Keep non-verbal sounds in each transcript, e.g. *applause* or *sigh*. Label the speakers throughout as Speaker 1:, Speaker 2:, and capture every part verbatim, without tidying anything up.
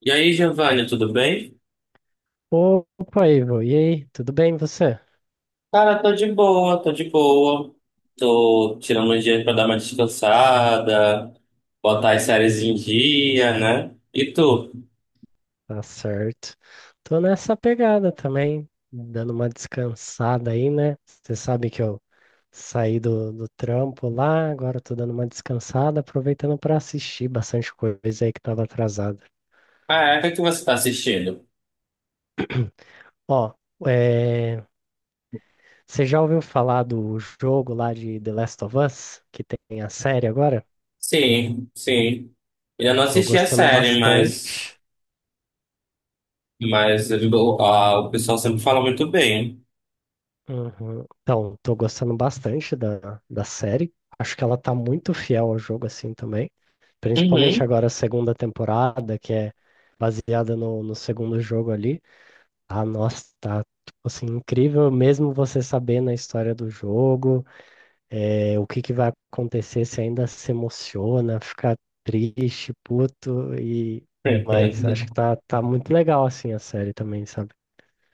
Speaker 1: E aí, Giovanni, tudo bem?
Speaker 2: Opa, Ivo, e aí? Tudo bem você?
Speaker 1: Cara, tô de boa, tô de boa. Tô tirando um dia pra dar uma descansada, botar as séries em dia, né? E tu?
Speaker 2: Tá certo. Tô nessa pegada também, dando uma descansada aí, né? Você sabe que eu saí do, do trampo lá, agora eu tô dando uma descansada, aproveitando para assistir bastante coisa aí que tava atrasada.
Speaker 1: Ah, é, o que que você tá assistindo?
Speaker 2: *clears throat* Ó, é, você já ouviu falar do jogo lá de The Last of Us, que tem a série agora?
Speaker 1: Sim, sim. Eu não
Speaker 2: Tô
Speaker 1: assisti a
Speaker 2: gostando
Speaker 1: série, mas,
Speaker 2: bastante.
Speaker 1: mas o, a- o pessoal sempre fala muito bem.
Speaker 2: Uhum. Então, tô gostando bastante da, da série. Acho que ela tá muito fiel ao jogo assim também. Principalmente
Speaker 1: Uhum.
Speaker 2: agora a segunda temporada, que é baseada no, no segundo jogo ali. Ah, nossa, tá tipo assim, incrível mesmo você sabendo a história do jogo, eh, o que que vai acontecer, se ainda se emociona, fica triste, puto, e mas acho que
Speaker 1: *laughs*
Speaker 2: tá, tá muito legal assim a série também, sabe?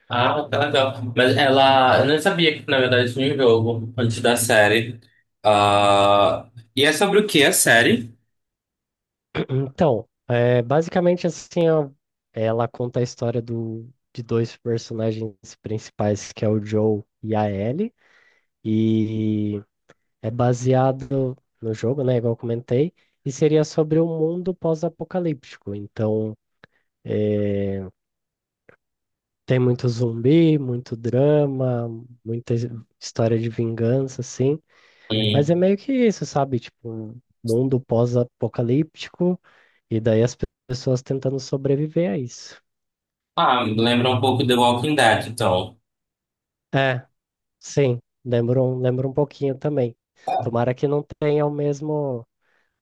Speaker 1: Ah, tá legal. Mas ela, eu não sabia que na verdade tinha um jogo antes da série. Ah, e é sobre o que a série?
Speaker 2: Então, é, basicamente assim, ó, ela conta a história do, de dois personagens principais, que é o Joe e a Ellie, e é baseado no jogo, né, igual eu comentei, e seria sobre o mundo pós-apocalíptico. Então, é, tem muito zumbi, muito drama, muita his- história de vingança, assim. Mas é
Speaker 1: E,
Speaker 2: meio que isso, sabe? Tipo, um mundo pós-apocalíptico, e daí as pe- pessoas tentando sobreviver a isso.
Speaker 1: ah, lembra um pouco The Walking Dead, então.
Speaker 2: É, sim, lembro um, lembro um pouquinho também. Tomara que não tenha o mesmo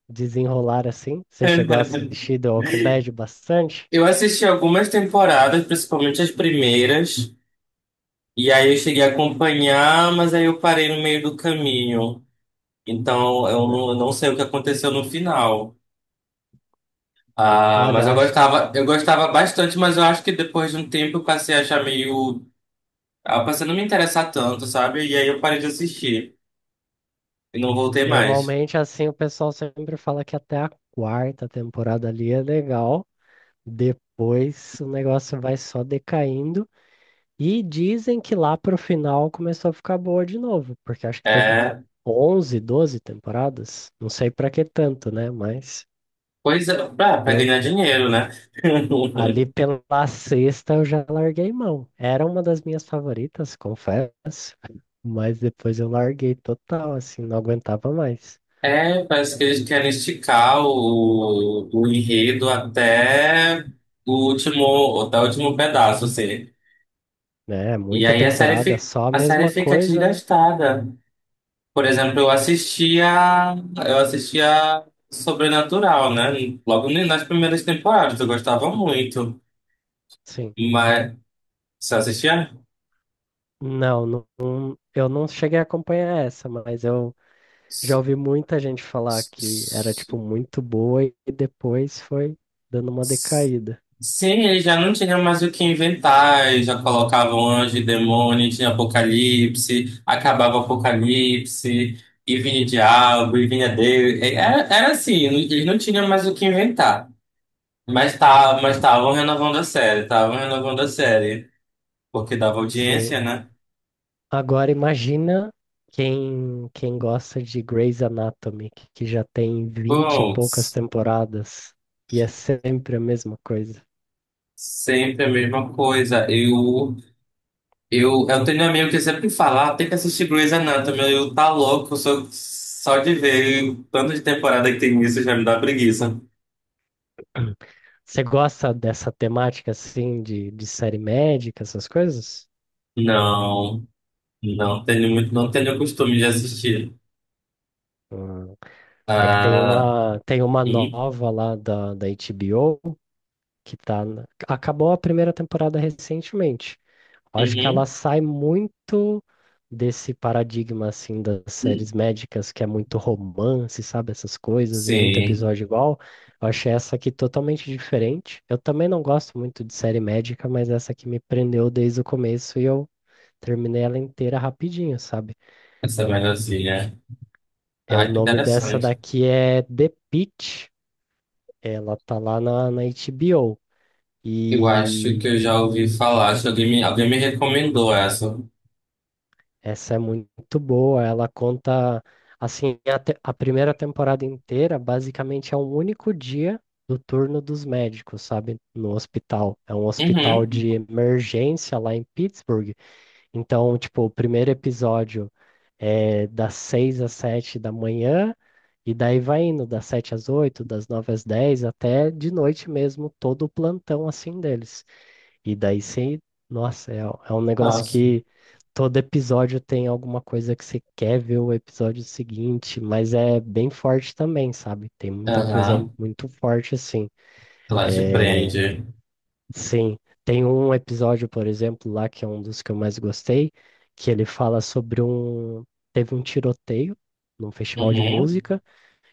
Speaker 2: desenrolar assim. Você chegou a
Speaker 1: *laughs*
Speaker 2: assistir The Walking Dead bastante?
Speaker 1: Eu assisti algumas temporadas, principalmente as primeiras, e aí eu cheguei a acompanhar, mas aí eu parei no meio do caminho. Então eu
Speaker 2: Né.
Speaker 1: não, eu não sei o que aconteceu no final. Ah, mas
Speaker 2: Olha,
Speaker 1: eu
Speaker 2: acho,
Speaker 1: gostava, eu gostava bastante, mas eu acho que depois de um tempo eu passei a achar meio. Ah, passei a não me interessar tanto, sabe? E aí eu parei de assistir e não voltei mais.
Speaker 2: normalmente assim o pessoal sempre fala que até a quarta temporada ali é legal, depois o negócio vai só decaindo e dizem que lá pro final começou a ficar boa de novo, porque acho que teve
Speaker 1: É,
Speaker 2: onze, doze temporadas, não sei pra que tanto, né? Mas
Speaker 1: pois é, pra, pra
Speaker 2: eu
Speaker 1: ganhar dinheiro, né? *laughs*
Speaker 2: ali pela sexta eu já larguei mão. Era uma das minhas favoritas, confesso, mas depois eu larguei total, assim, não aguentava mais,
Speaker 1: É, parece que eles querem esticar o, o enredo até o último, até o último pedaço, assim.
Speaker 2: né?
Speaker 1: E
Speaker 2: Muita
Speaker 1: aí a série
Speaker 2: temporada,
Speaker 1: fica,
Speaker 2: só a
Speaker 1: a série
Speaker 2: mesma
Speaker 1: fica
Speaker 2: coisa, né?
Speaker 1: desgastada. Por exemplo, eu assistia, eu assistia Sobrenatural, né? Logo nas primeiras temporadas, eu gostava muito.
Speaker 2: Sim.
Speaker 1: Mas você assistia?
Speaker 2: Não, não, não- eu não cheguei a acompanhar essa, mas eu já ouvi muita gente falar que era, tipo, muito boa e depois foi dando uma
Speaker 1: S-
Speaker 2: decaída.
Speaker 1: Sim, eles já não tinham mais o que inventar, eles já colocavam anjo e demônio, tinha apocalipse, acabava o apocalipse, e vinha o diabo, e vinha Deus. E Era, era assim, eles não tinham mais o que inventar. Mas tá, mas estavam renovando a série, estavam renovando a série, porque dava
Speaker 2: Sim,
Speaker 1: audiência, né?
Speaker 2: agora imagina quem, quem gosta de Grey's Anatomy, que que já tem vinte e
Speaker 1: Pô,
Speaker 2: poucas temporadas e é sempre a mesma coisa.
Speaker 1: sempre a mesma coisa. Eu Eu, eu tenho um amigo que sempre fala, "Ah, tem que assistir Grey's Anatomy." Eu tá louco, eu sou só de ver o tanto de temporada que tem isso já me dá preguiça.
Speaker 2: Você gosta dessa temática assim de, de série médica, essas coisas?
Speaker 1: Não, não tenho muito, não tenho o costume de assistir.
Speaker 2: Hum. É que tem
Speaker 1: Ah,
Speaker 2: uma, tem uma
Speaker 1: uhum,
Speaker 2: nova lá da, da HBO que tá. na- Acabou a primeira temporada recentemente. Acho que ela
Speaker 1: uhum,
Speaker 2: sai muito desse paradigma assim das séries médicas, que é muito romance, sabe, essas coisas e muito
Speaker 1: sim,
Speaker 2: episódio igual. Eu achei essa aqui totalmente diferente. Eu também não gosto muito de série médica, mas essa aqui me prendeu desde o começo e eu terminei ela inteira rapidinho, sabe?
Speaker 1: essa melhorzinha.
Speaker 2: É, o
Speaker 1: Ah, que
Speaker 2: nome dessa
Speaker 1: interessante.
Speaker 2: daqui é The Pitt. Ela tá lá na, na HBO.
Speaker 1: Eu acho
Speaker 2: E
Speaker 1: que eu já ouvi falar, acho que alguém me, alguém me recomendou essa.
Speaker 2: essa é muito boa. Ela conta, assim, a, te- a primeira temporada inteira, basicamente é um único dia do turno dos médicos, sabe? No hospital. É um hospital
Speaker 1: Uhum,
Speaker 2: de emergência lá em Pittsburgh. Então, tipo, o primeiro episódio é das seis às sete da manhã, e daí vai indo das sete às oito, das nove às dez, até de noite mesmo, todo o plantão, assim, deles. E daí sim, nossa, é, é um negócio
Speaker 1: nossa.
Speaker 2: que todo episódio tem alguma coisa que você quer ver o episódio seguinte, mas é bem forte também, sabe? Tem muita coisa
Speaker 1: Aham,
Speaker 2: muito forte assim.
Speaker 1: ela te
Speaker 2: É,
Speaker 1: prende.
Speaker 2: sim, tem um episódio, por exemplo, lá que é um dos que eu mais gostei, que ele fala sobre um. Teve um tiroteio num festival de
Speaker 1: Uhum,
Speaker 2: música.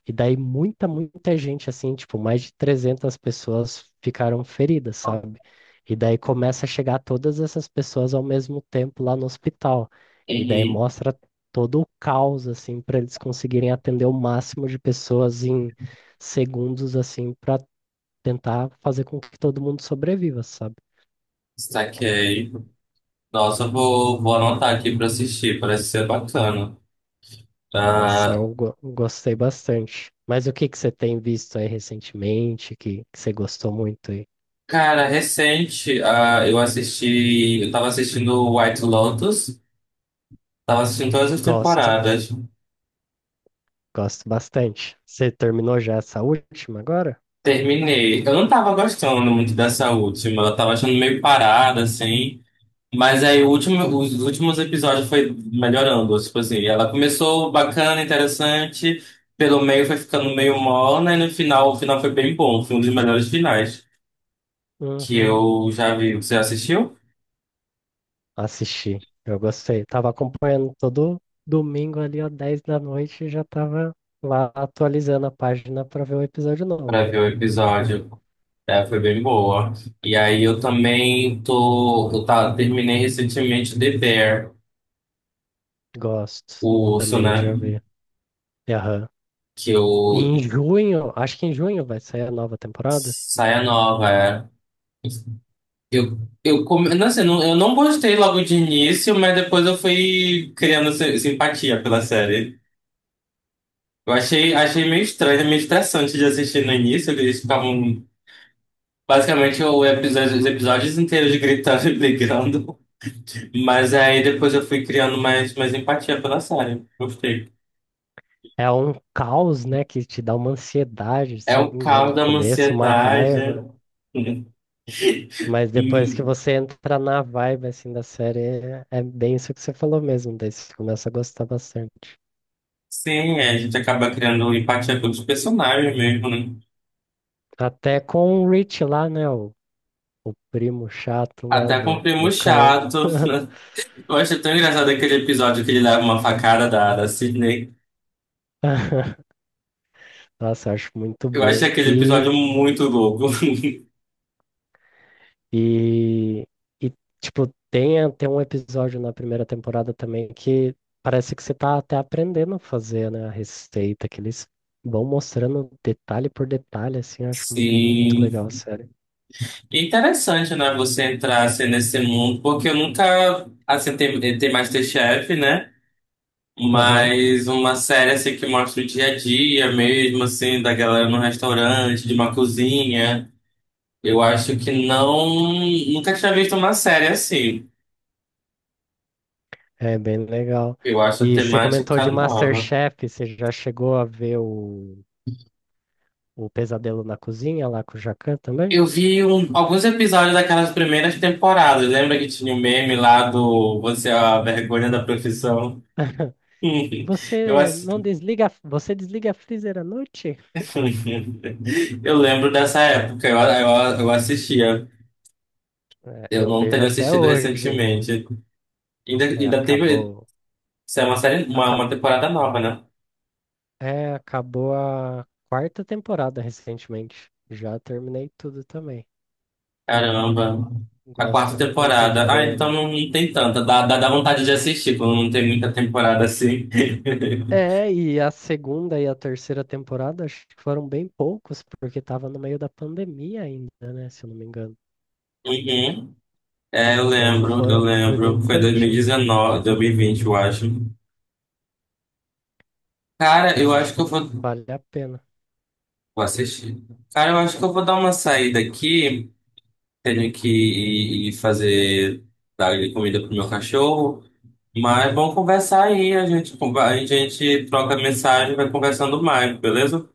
Speaker 2: E daí muita, muita gente, assim, tipo, mais de trezentas pessoas ficaram feridas, sabe? E daí começa a chegar todas essas pessoas ao mesmo tempo lá no hospital. E daí
Speaker 1: uhum,
Speaker 2: mostra todo o caos, assim, para eles conseguirem atender o máximo de pessoas em segundos, assim, para tentar fazer com que todo mundo sobreviva, sabe?
Speaker 1: saquei. Nossa, eu vou, vou anotar aqui pra assistir, parece ser bacana.
Speaker 2: Essa
Speaker 1: Ah,
Speaker 2: eu go- gostei bastante. Mas o que que você tem visto aí recentemente que, que você gostou muito aí
Speaker 1: cara, recente, ah, eu assisti, eu tava assistindo White Lotus, tava assistindo todas as
Speaker 2: gosto?
Speaker 1: temporadas,
Speaker 2: Gosto bastante. Você terminou já essa última agora?
Speaker 1: terminei. Eu não tava gostando muito dessa última, eu tava achando meio parada, assim, mas aí o último, os últimos episódios foi melhorando, tipo assim, ela começou bacana, interessante, pelo meio foi ficando meio morna, e no final, o final foi bem bom, foi um dos melhores finais que
Speaker 2: Uhum.
Speaker 1: eu já vi. Você assistiu?
Speaker 2: Assisti. Eu gostei. Tava acompanhando todo domingo ali, ó, dez da noite, e já tava lá atualizando a página pra ver o episódio novo.
Speaker 1: Pra ver o episódio. É, foi bem boa. E aí eu também tô, eu tá, terminei recentemente The Bear,
Speaker 2: Gosto.
Speaker 1: o urso,
Speaker 2: Também
Speaker 1: né?
Speaker 2: já vi. Aham.
Speaker 1: Que
Speaker 2: E
Speaker 1: eu
Speaker 2: em junho, acho que em junho vai sair a nova temporada.
Speaker 1: saia nova, é. Eu, eu, come... não, assim, não, eu não gostei logo de início, mas depois eu fui criando si- simpatia pela série. Eu achei, achei meio estranho, meio estressante de assistir no início, que eles ficavam basicamente o episódio, os episódios inteiros gritando e brigando. Mas aí depois eu fui criando mais, mais empatia pela Sarah. Gostei.
Speaker 2: É um caos, né, que te dá uma ansiedade,
Speaker 1: É
Speaker 2: assim,
Speaker 1: o
Speaker 2: lá no
Speaker 1: caos da
Speaker 2: começo, uma
Speaker 1: ansiedade.
Speaker 2: raiva.
Speaker 1: *laughs*
Speaker 2: Mas depois que
Speaker 1: E,
Speaker 2: você entra na vibe assim da série, é é bem isso que você falou mesmo, daí você começa a gostar bastante.
Speaker 1: sim, é, a gente acaba criando empatia pelos personagens mesmo, né?
Speaker 2: Até com o Rich lá, né? O, o primo chato lá
Speaker 1: Até com o
Speaker 2: do, do
Speaker 1: primo
Speaker 2: Carl.
Speaker 1: chato. *laughs* Eu acho tão engraçado aquele episódio que ele leva uma facada da, da Sydney.
Speaker 2: *laughs* Nossa, eu acho muito
Speaker 1: Eu acho
Speaker 2: bom.
Speaker 1: aquele
Speaker 2: E,
Speaker 1: episódio muito louco. *laughs*
Speaker 2: e, e tipo, tem até um episódio na primeira temporada também que parece que você tá até aprendendo a fazer, né, a receita, que eles vão mostrando detalhe por detalhe, assim, eu acho muito
Speaker 1: Sim.
Speaker 2: legal a série.
Speaker 1: E interessante, né? Você entrar assim, nesse mundo, porque eu nunca assim, tem, tem MasterChef, né? Mas uma série assim que mostra o dia a dia mesmo, assim, da galera no restaurante, de uma cozinha. Eu acho que não. Nunca tinha visto uma série assim.
Speaker 2: É bem legal.
Speaker 1: Eu acho a
Speaker 2: E você comentou
Speaker 1: temática
Speaker 2: de
Speaker 1: nova.
Speaker 2: MasterChef, você já chegou a ver o, o Pesadelo na Cozinha lá com o Jacan também?
Speaker 1: Eu vi um- alguns episódios daquelas primeiras temporadas. Lembra que tinha o meme lá do "Você é a vergonha da profissão"? *laughs* Eu,
Speaker 2: Você
Speaker 1: ass-
Speaker 2: não desliga, você desliga a freezer à noite?
Speaker 1: *laughs* eu lembro dessa época, eu, eu, eu assistia.
Speaker 2: É,
Speaker 1: Eu
Speaker 2: eu
Speaker 1: não
Speaker 2: vejo
Speaker 1: teria
Speaker 2: até
Speaker 1: assistido
Speaker 2: hoje.
Speaker 1: recentemente. Ainda,
Speaker 2: É,
Speaker 1: ainda teve.
Speaker 2: acabou,
Speaker 1: Isso é uma série, uma,
Speaker 2: acabou,
Speaker 1: uma temporada nova, né?
Speaker 2: é, acabou a quarta temporada recentemente. Já terminei tudo também.
Speaker 1: Caramba.
Speaker 2: Go-
Speaker 1: A
Speaker 2: Gosto
Speaker 1: quarta
Speaker 2: muito de
Speaker 1: temporada. Ah, então
Speaker 2: ver.
Speaker 1: não, não tem tanta. Dá, dá, dá vontade de assistir quando não tem muita temporada assim. *laughs*
Speaker 2: É, e a segunda e a terceira temporada acho que foram bem poucos, porque tava no meio da pandemia ainda, né? Se eu não me engano.
Speaker 1: Uhum. É, eu
Speaker 2: Então
Speaker 1: lembro, eu
Speaker 2: foi, foi bem
Speaker 1: lembro. Foi dois dois mil mil e
Speaker 2: curtinho.
Speaker 1: dezenove, dois mil e vinte eu acho. Cara, eu
Speaker 2: Acho
Speaker 1: acho que
Speaker 2: que
Speaker 1: eu vou,
Speaker 2: vale a pena.
Speaker 1: vou assistir. Cara, eu acho que eu vou dar uma saída aqui. Tenho que ir ir fazer, dar comida pro meu cachorro. Mas vamos conversar aí. A gente, conver- a gente troca mensagem, vai conversando mais, beleza?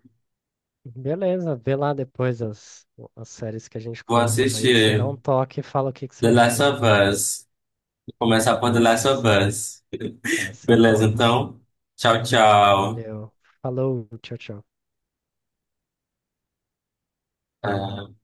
Speaker 2: Beleza, vê lá depois as, as séries que a gente
Speaker 1: Vou
Speaker 2: comentou aí. Você dá
Speaker 1: assistir
Speaker 2: um toque e fala o que que você
Speaker 1: The Last
Speaker 2: achou.
Speaker 1: of Us. Vou começar por The
Speaker 2: Isso,
Speaker 1: Last of
Speaker 2: essa,
Speaker 1: Us.
Speaker 2: essa é
Speaker 1: Beleza,
Speaker 2: top.
Speaker 1: então. Tchau, tchau.
Speaker 2: Valeu. Falou, tchau, tchau.
Speaker 1: Ah.